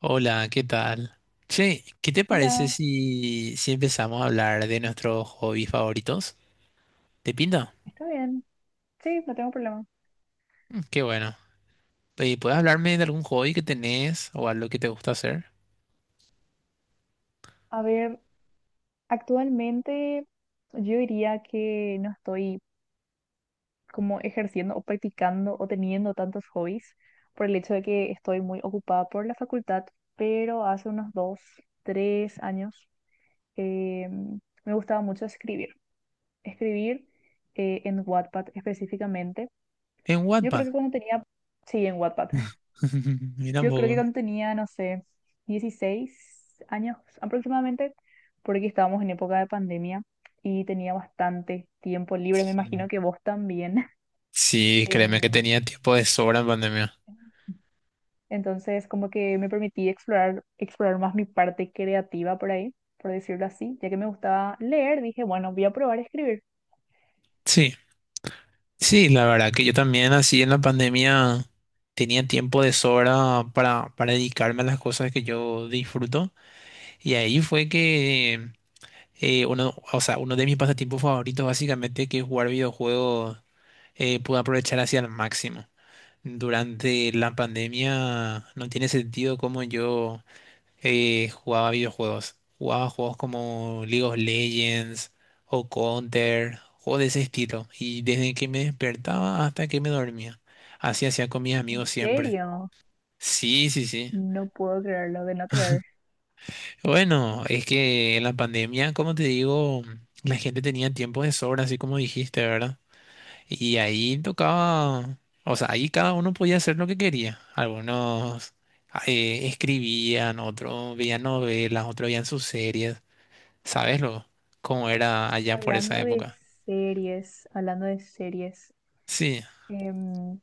Hola, ¿qué tal? Che, ¿qué te parece Hola, si empezamos a hablar de nuestros hobbies favoritos? ¿Te pinta? ¿está bien? Sí, no tengo problema. Mm, qué bueno. ¿Puedes hablarme de algún hobby que tenés o algo que te gusta hacer? A ver, actualmente yo diría que no estoy como ejerciendo o practicando o teniendo tantos hobbies por el hecho de que estoy muy ocupada por la facultad, pero hace unos dos, tres años eh, me gustaba mucho escribir. Escribir en Wattpad específicamente. En Yo creo Wattpad. que cuando tenía, sí, en Wattpad. Mira un Yo creo que poco. cuando tenía, no sé, 16 años aproximadamente, porque estábamos en época de pandemia y tenía bastante tiempo libre, me Sí. imagino que vos también. Sí, Em, créeme que tenía tiempo de sobra en pandemia. entonces, como que me permití explorar más mi parte creativa por ahí, por decirlo así, ya que me gustaba leer, dije, bueno, voy a probar a escribir. Sí, sí, la verdad que yo también así en la pandemia tenía tiempo de sobra para dedicarme a las cosas que yo disfruto. Y ahí fue que uno de mis pasatiempos favoritos básicamente que es jugar videojuegos, pude aprovechar hacia el máximo. Durante la pandemia no tiene sentido cómo yo jugaba videojuegos. Jugaba juegos como League of Legends o Counter, juegos de ese estilo. Y desde que me despertaba hasta que me dormía. Así hacía con mis ¿En amigos siempre. serio? Sí, sí, sí. No puedo creerlo, de no creer. Bueno, es que en la pandemia, como te digo, la gente tenía tiempo de sobra, así como dijiste, ¿verdad? Y ahí tocaba, o sea, ahí cada uno podía hacer lo que quería. Algunos escribían, otros veían novelas, otros veían sus series. ¿Sabes lo? Cómo era allá por esa Hablando de época. hablando de series, Sí. em,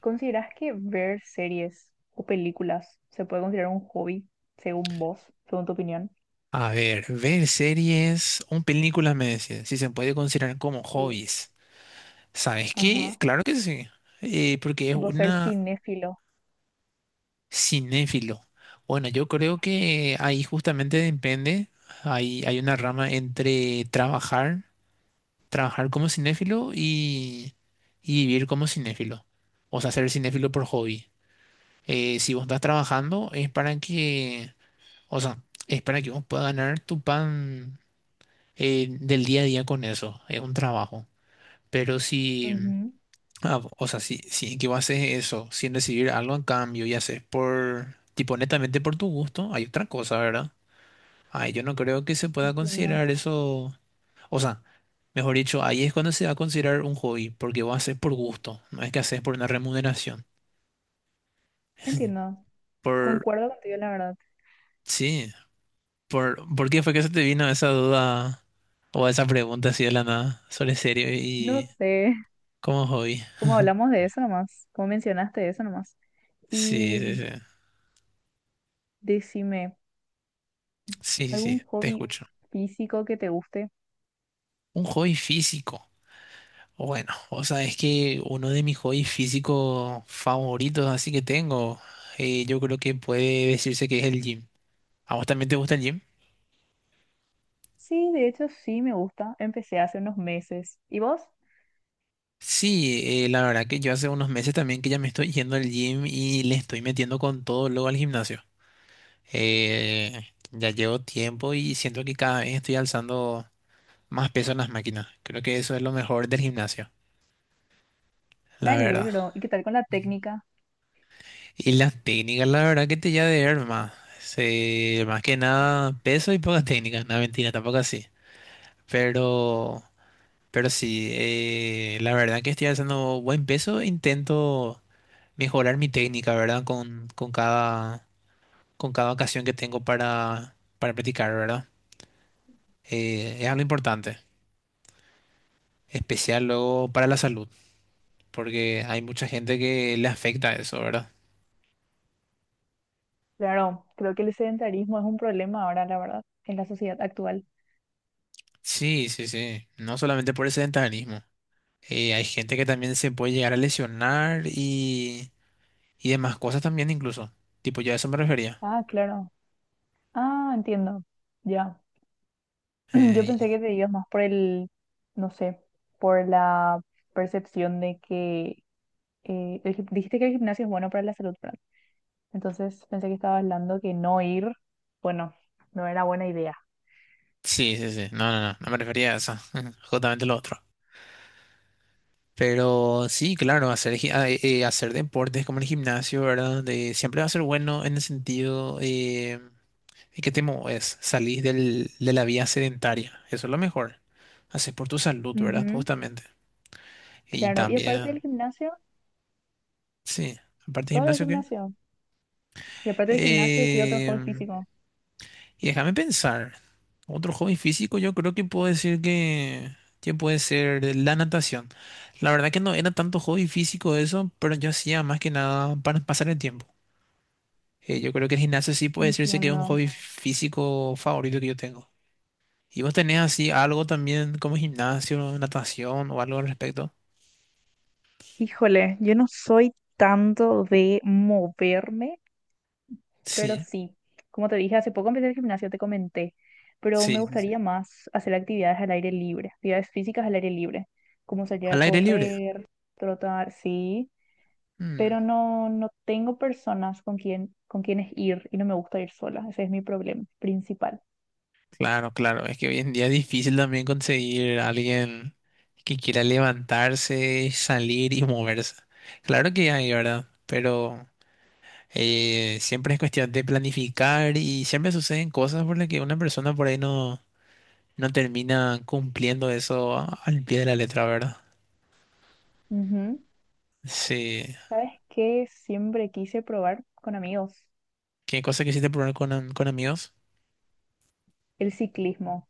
¿consideras que ver series o películas se puede considerar un hobby, según vos, según tu opinión? A ver, ver series o películas, me decías, si se puede considerar como Sí. hobbies. ¿Sabes qué? Ajá. Claro que sí. Porque es Tipo ser una. cinéfilo. Cinéfilo. Bueno, yo creo que ahí justamente depende. Hay una rama entre trabajar, trabajar como cinéfilo y vivir como cinéfilo. O sea, ser cinéfilo por hobby. Si vos estás trabajando es para que, o sea, es para que vos puedas ganar tu pan del día a día con eso. Es un trabajo. Pero si... Ujú. Ah, o sea, si que vos haces eso sin recibir algo en cambio y haces por, tipo, netamente por tu gusto, hay otra cosa, ¿verdad? Ay, yo no creo que se pueda Entiendo, considerar eso. O sea, mejor dicho, ahí es cuando se va a considerar un hobby, porque vos haces por gusto, no es que haces por una remuneración. entiendo. Por, Concuerdo contigo, la verdad. sí, ¿por qué fue que se te vino esa duda o esa pregunta así de la nada sobre serio No y sé, como hobby? cómo hablamos de eso nomás, cómo mencionaste eso nomás. Sí, Y sí, sí, decime, sí, sí, sí, ¿algún te hobby escucho. físico que te guste? Un hobby físico. Bueno, o sea, es que uno de mis hobbies físicos favoritos, así que tengo, yo creo que puede decirse que es el gym. ¿A vos también te gusta el gym? Sí, de hecho sí me gusta. Empecé hace unos meses. ¿Y vos? Sí, la verdad que yo hace unos meses también que ya me estoy yendo al gym y le estoy metiendo con todo luego al gimnasio. Ya llevo tiempo y siento que cada vez estoy alzando más peso en las máquinas. Creo que eso es lo mejor del gimnasio, Me la verdad. alegro. ¿Y qué tal con la técnica? Y las técnicas, la verdad que te ya de ver más. Se- más que nada peso y pocas técnicas. No, mentira, tampoco así. Pero, pero sí, la verdad que estoy haciendo buen peso. Intento mejorar mi técnica, ¿verdad? Con cada ocasión que tengo para practicar, ¿verdad? Es algo importante, especial luego para la salud, porque hay mucha gente que le afecta eso, ¿verdad? Claro, creo que el sedentarismo es un problema ahora, la verdad, en la sociedad actual. Sí, sí, sí. No solamente por el sedentarismo. Hay gente que también se puede llegar a lesionar y demás cosas también incluso. Tipo, yo a eso me refería. Ah, claro. Ah, entiendo. Ya. Yo Eh, pensé que te ibas más por el, no sé, por la percepción de que el dijiste que el gimnasio es bueno para la salud, ¿verdad? Entonces pensé que estabas hablando que no ir, bueno, no era buena idea. sí, sí, sí. No, no, no. No me refería a eso. Justamente lo otro. Pero sí, claro, hacer, gi- ah, hacer deportes como el gimnasio, ¿verdad? De, siempre va a ser bueno en el sentido que te mueves, salís del, de la vía sedentaria. Eso es lo mejor. Haces por tu salud, ¿verdad? Ujú. Justamente. Y Claro. Y aparte del también, gimnasio, sí. Aparte del solo el gimnasio, ¿qué? gimnasio. Y aparte del gimnasio, ¿qué otro Eh, hobby físico? Y déjame pensar. Otro hobby físico, yo creo que puedo decir que puede ser la natación. La verdad que no era tanto hobby físico eso, pero yo hacía más que nada para pasar el tiempo. Yo creo que el gimnasio sí puede decirse que es un Entiendo. hobby físico favorito que yo tengo. ¿Y vos tenés así algo también como gimnasio, natación o algo al respecto? Híjole, yo no soy tanto de moverme, pero Sí, sí, como te dije, hace poco empecé el gimnasio, te comenté, pero me sí, sí, sí. gustaría más hacer actividades al aire libre, actividades físicas al aire libre, como salir a Al aire libre. correr, trotar, sí, Mm. pero no tengo personas con quien, con quienes ir y no me gusta ir sola, ese es mi problema principal. Claro, claro. Es que hoy en día es difícil también conseguir a alguien que quiera levantarse, salir y moverse. Claro que hay, ¿verdad? Pero siempre es cuestión de planificar y siempre suceden cosas por las que una persona por ahí no, no termina cumpliendo eso a- al pie de la letra, ¿verdad? Ujú. Sí. ¿Sabes qué? Siempre quise probar con amigos ¿Qué cosa quisiste probar con, am- con amigos? el ciclismo,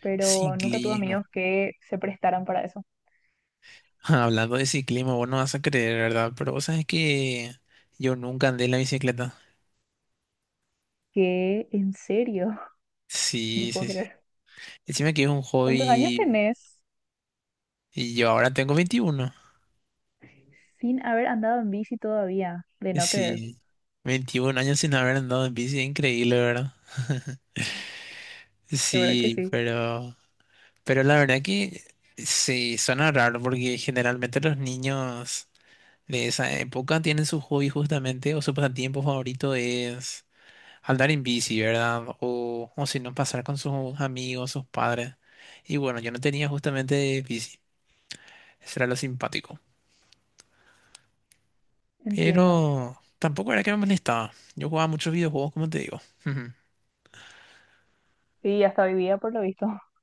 pero nunca tuve Ciclismo. amigos que se prestaran para eso. Hablando de ciclismo, vos no vas a creer, ¿verdad? Pero vos sabes que yo nunca andé en la bicicleta. ¿Qué? ¿En serio? No Sí, puedo sí, sí. creer. Decime que es un ¿Cuántos años hobby tenés y yo ahora tengo 21. sin haber andado en bici todavía? De Y no creer. sí, 21 años sin haber andado en bici, es increíble, ¿verdad? De verdad que Sí, sí. Pero la verdad que sí, suena raro porque generalmente los niños de esa época tienen su hobby justamente o su pasatiempo favorito es andar en bici, ¿verdad? O si no, pasar con sus amigos, sus padres. Y bueno, yo no tenía justamente bici, eso era lo simpático. Entiendo. Pero tampoco era que me molestaba. Yo jugaba muchos videojuegos, como te digo. Ujú. Y hasta hoy día, por lo visto.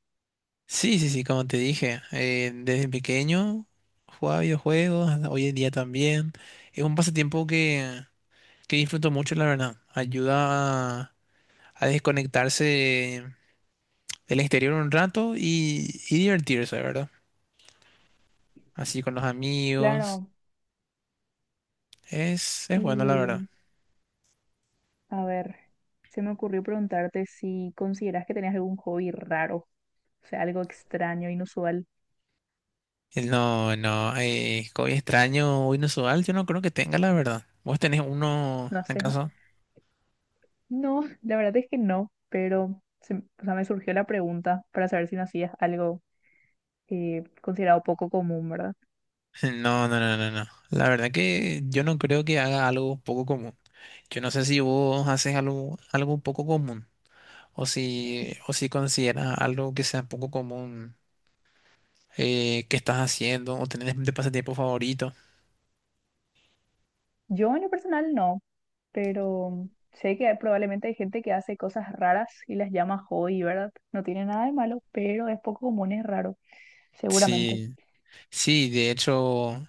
Sí, sí, sí, como te dije, desde pequeño jugaba videojuegos, hasta hoy en día también. Es un pasatiempo que disfruto mucho, la verdad. Ayuda a desconectarse del exterior un rato y divertirse, ¿verdad? Así con los amigos. Claro. Es bueno, la verdad. Y a ver, se me ocurrió preguntarte si consideras que tenías algún hobby raro, o sea, algo extraño, inusual. No, no, hoy extraño, hoy inusual, yo no creo que tenga, la verdad. ¿Vos tenés uno, No sé. Nada acaso? no, la verdad es que no, pero o sea, me surgió la pregunta para saber si no hacías algo considerado poco común, ¿verdad? No, no, no, no, no. La verdad que yo no creo que haga algo poco común. Yo no sé si vos haces algo, algo poco común o si consideras algo que sea poco común que estás haciendo o tenés de pasatiempo favorito. Yo en lo personal no, pero sé que probablemente hay gente que hace cosas raras y las llama hobby, ¿verdad? No tiene nada de malo, pero es poco común, es raro, seguramente. Sí, sí, de hecho,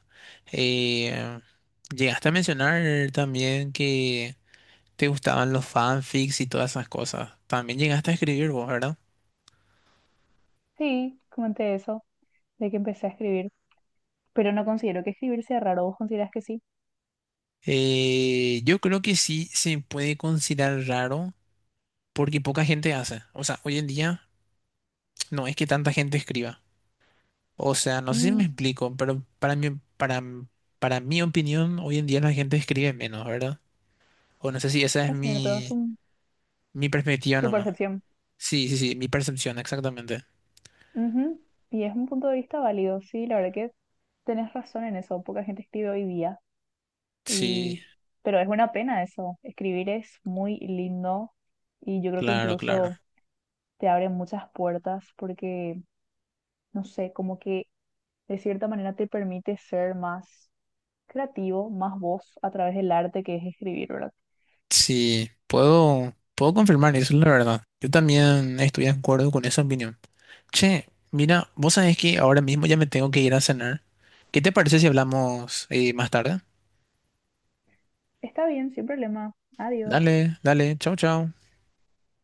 eh, llegaste a mencionar también que te gustaban los fanfics y todas esas cosas. También llegaste a escribir vos, ¿verdad? Sí, comenté eso, de que empecé a escribir, pero no considero que escribir sea raro, ¿vos considerás que sí? Yo creo que sí se puede considerar raro porque poca gente hace. O sea, hoy en día no es que tanta gente escriba. O sea, no sé si me Mm, explico, pero para mí, para, para mi opinión, hoy en día la gente escribe menos, ¿verdad? O no sé si esa es es cierto, es mi, mi perspectiva tu nomás. percepción. Sí, sí, sí, mi percepción, exactamente. Ujú. Y es un punto de vista válido, sí, la verdad que tenés razón en eso, poca gente escribe hoy día, Sí, y... pero es una pena eso, escribir es muy lindo y yo creo que claro, claro. incluso... te abre muchas puertas porque, no sé, como que de cierta manera te permite ser más creativo, más vos a través del arte que es escribir, ¿verdad? Sí, puedo, puedo confirmar eso, la verdad. Yo también estoy de acuerdo con esa opinión. Che, mira, vos sabés que ahora mismo ya me tengo que ir a cenar. ¿Qué te parece si hablamos más tarde? Está bien, sin problema. Adiós. Dale, dale, chao, chao.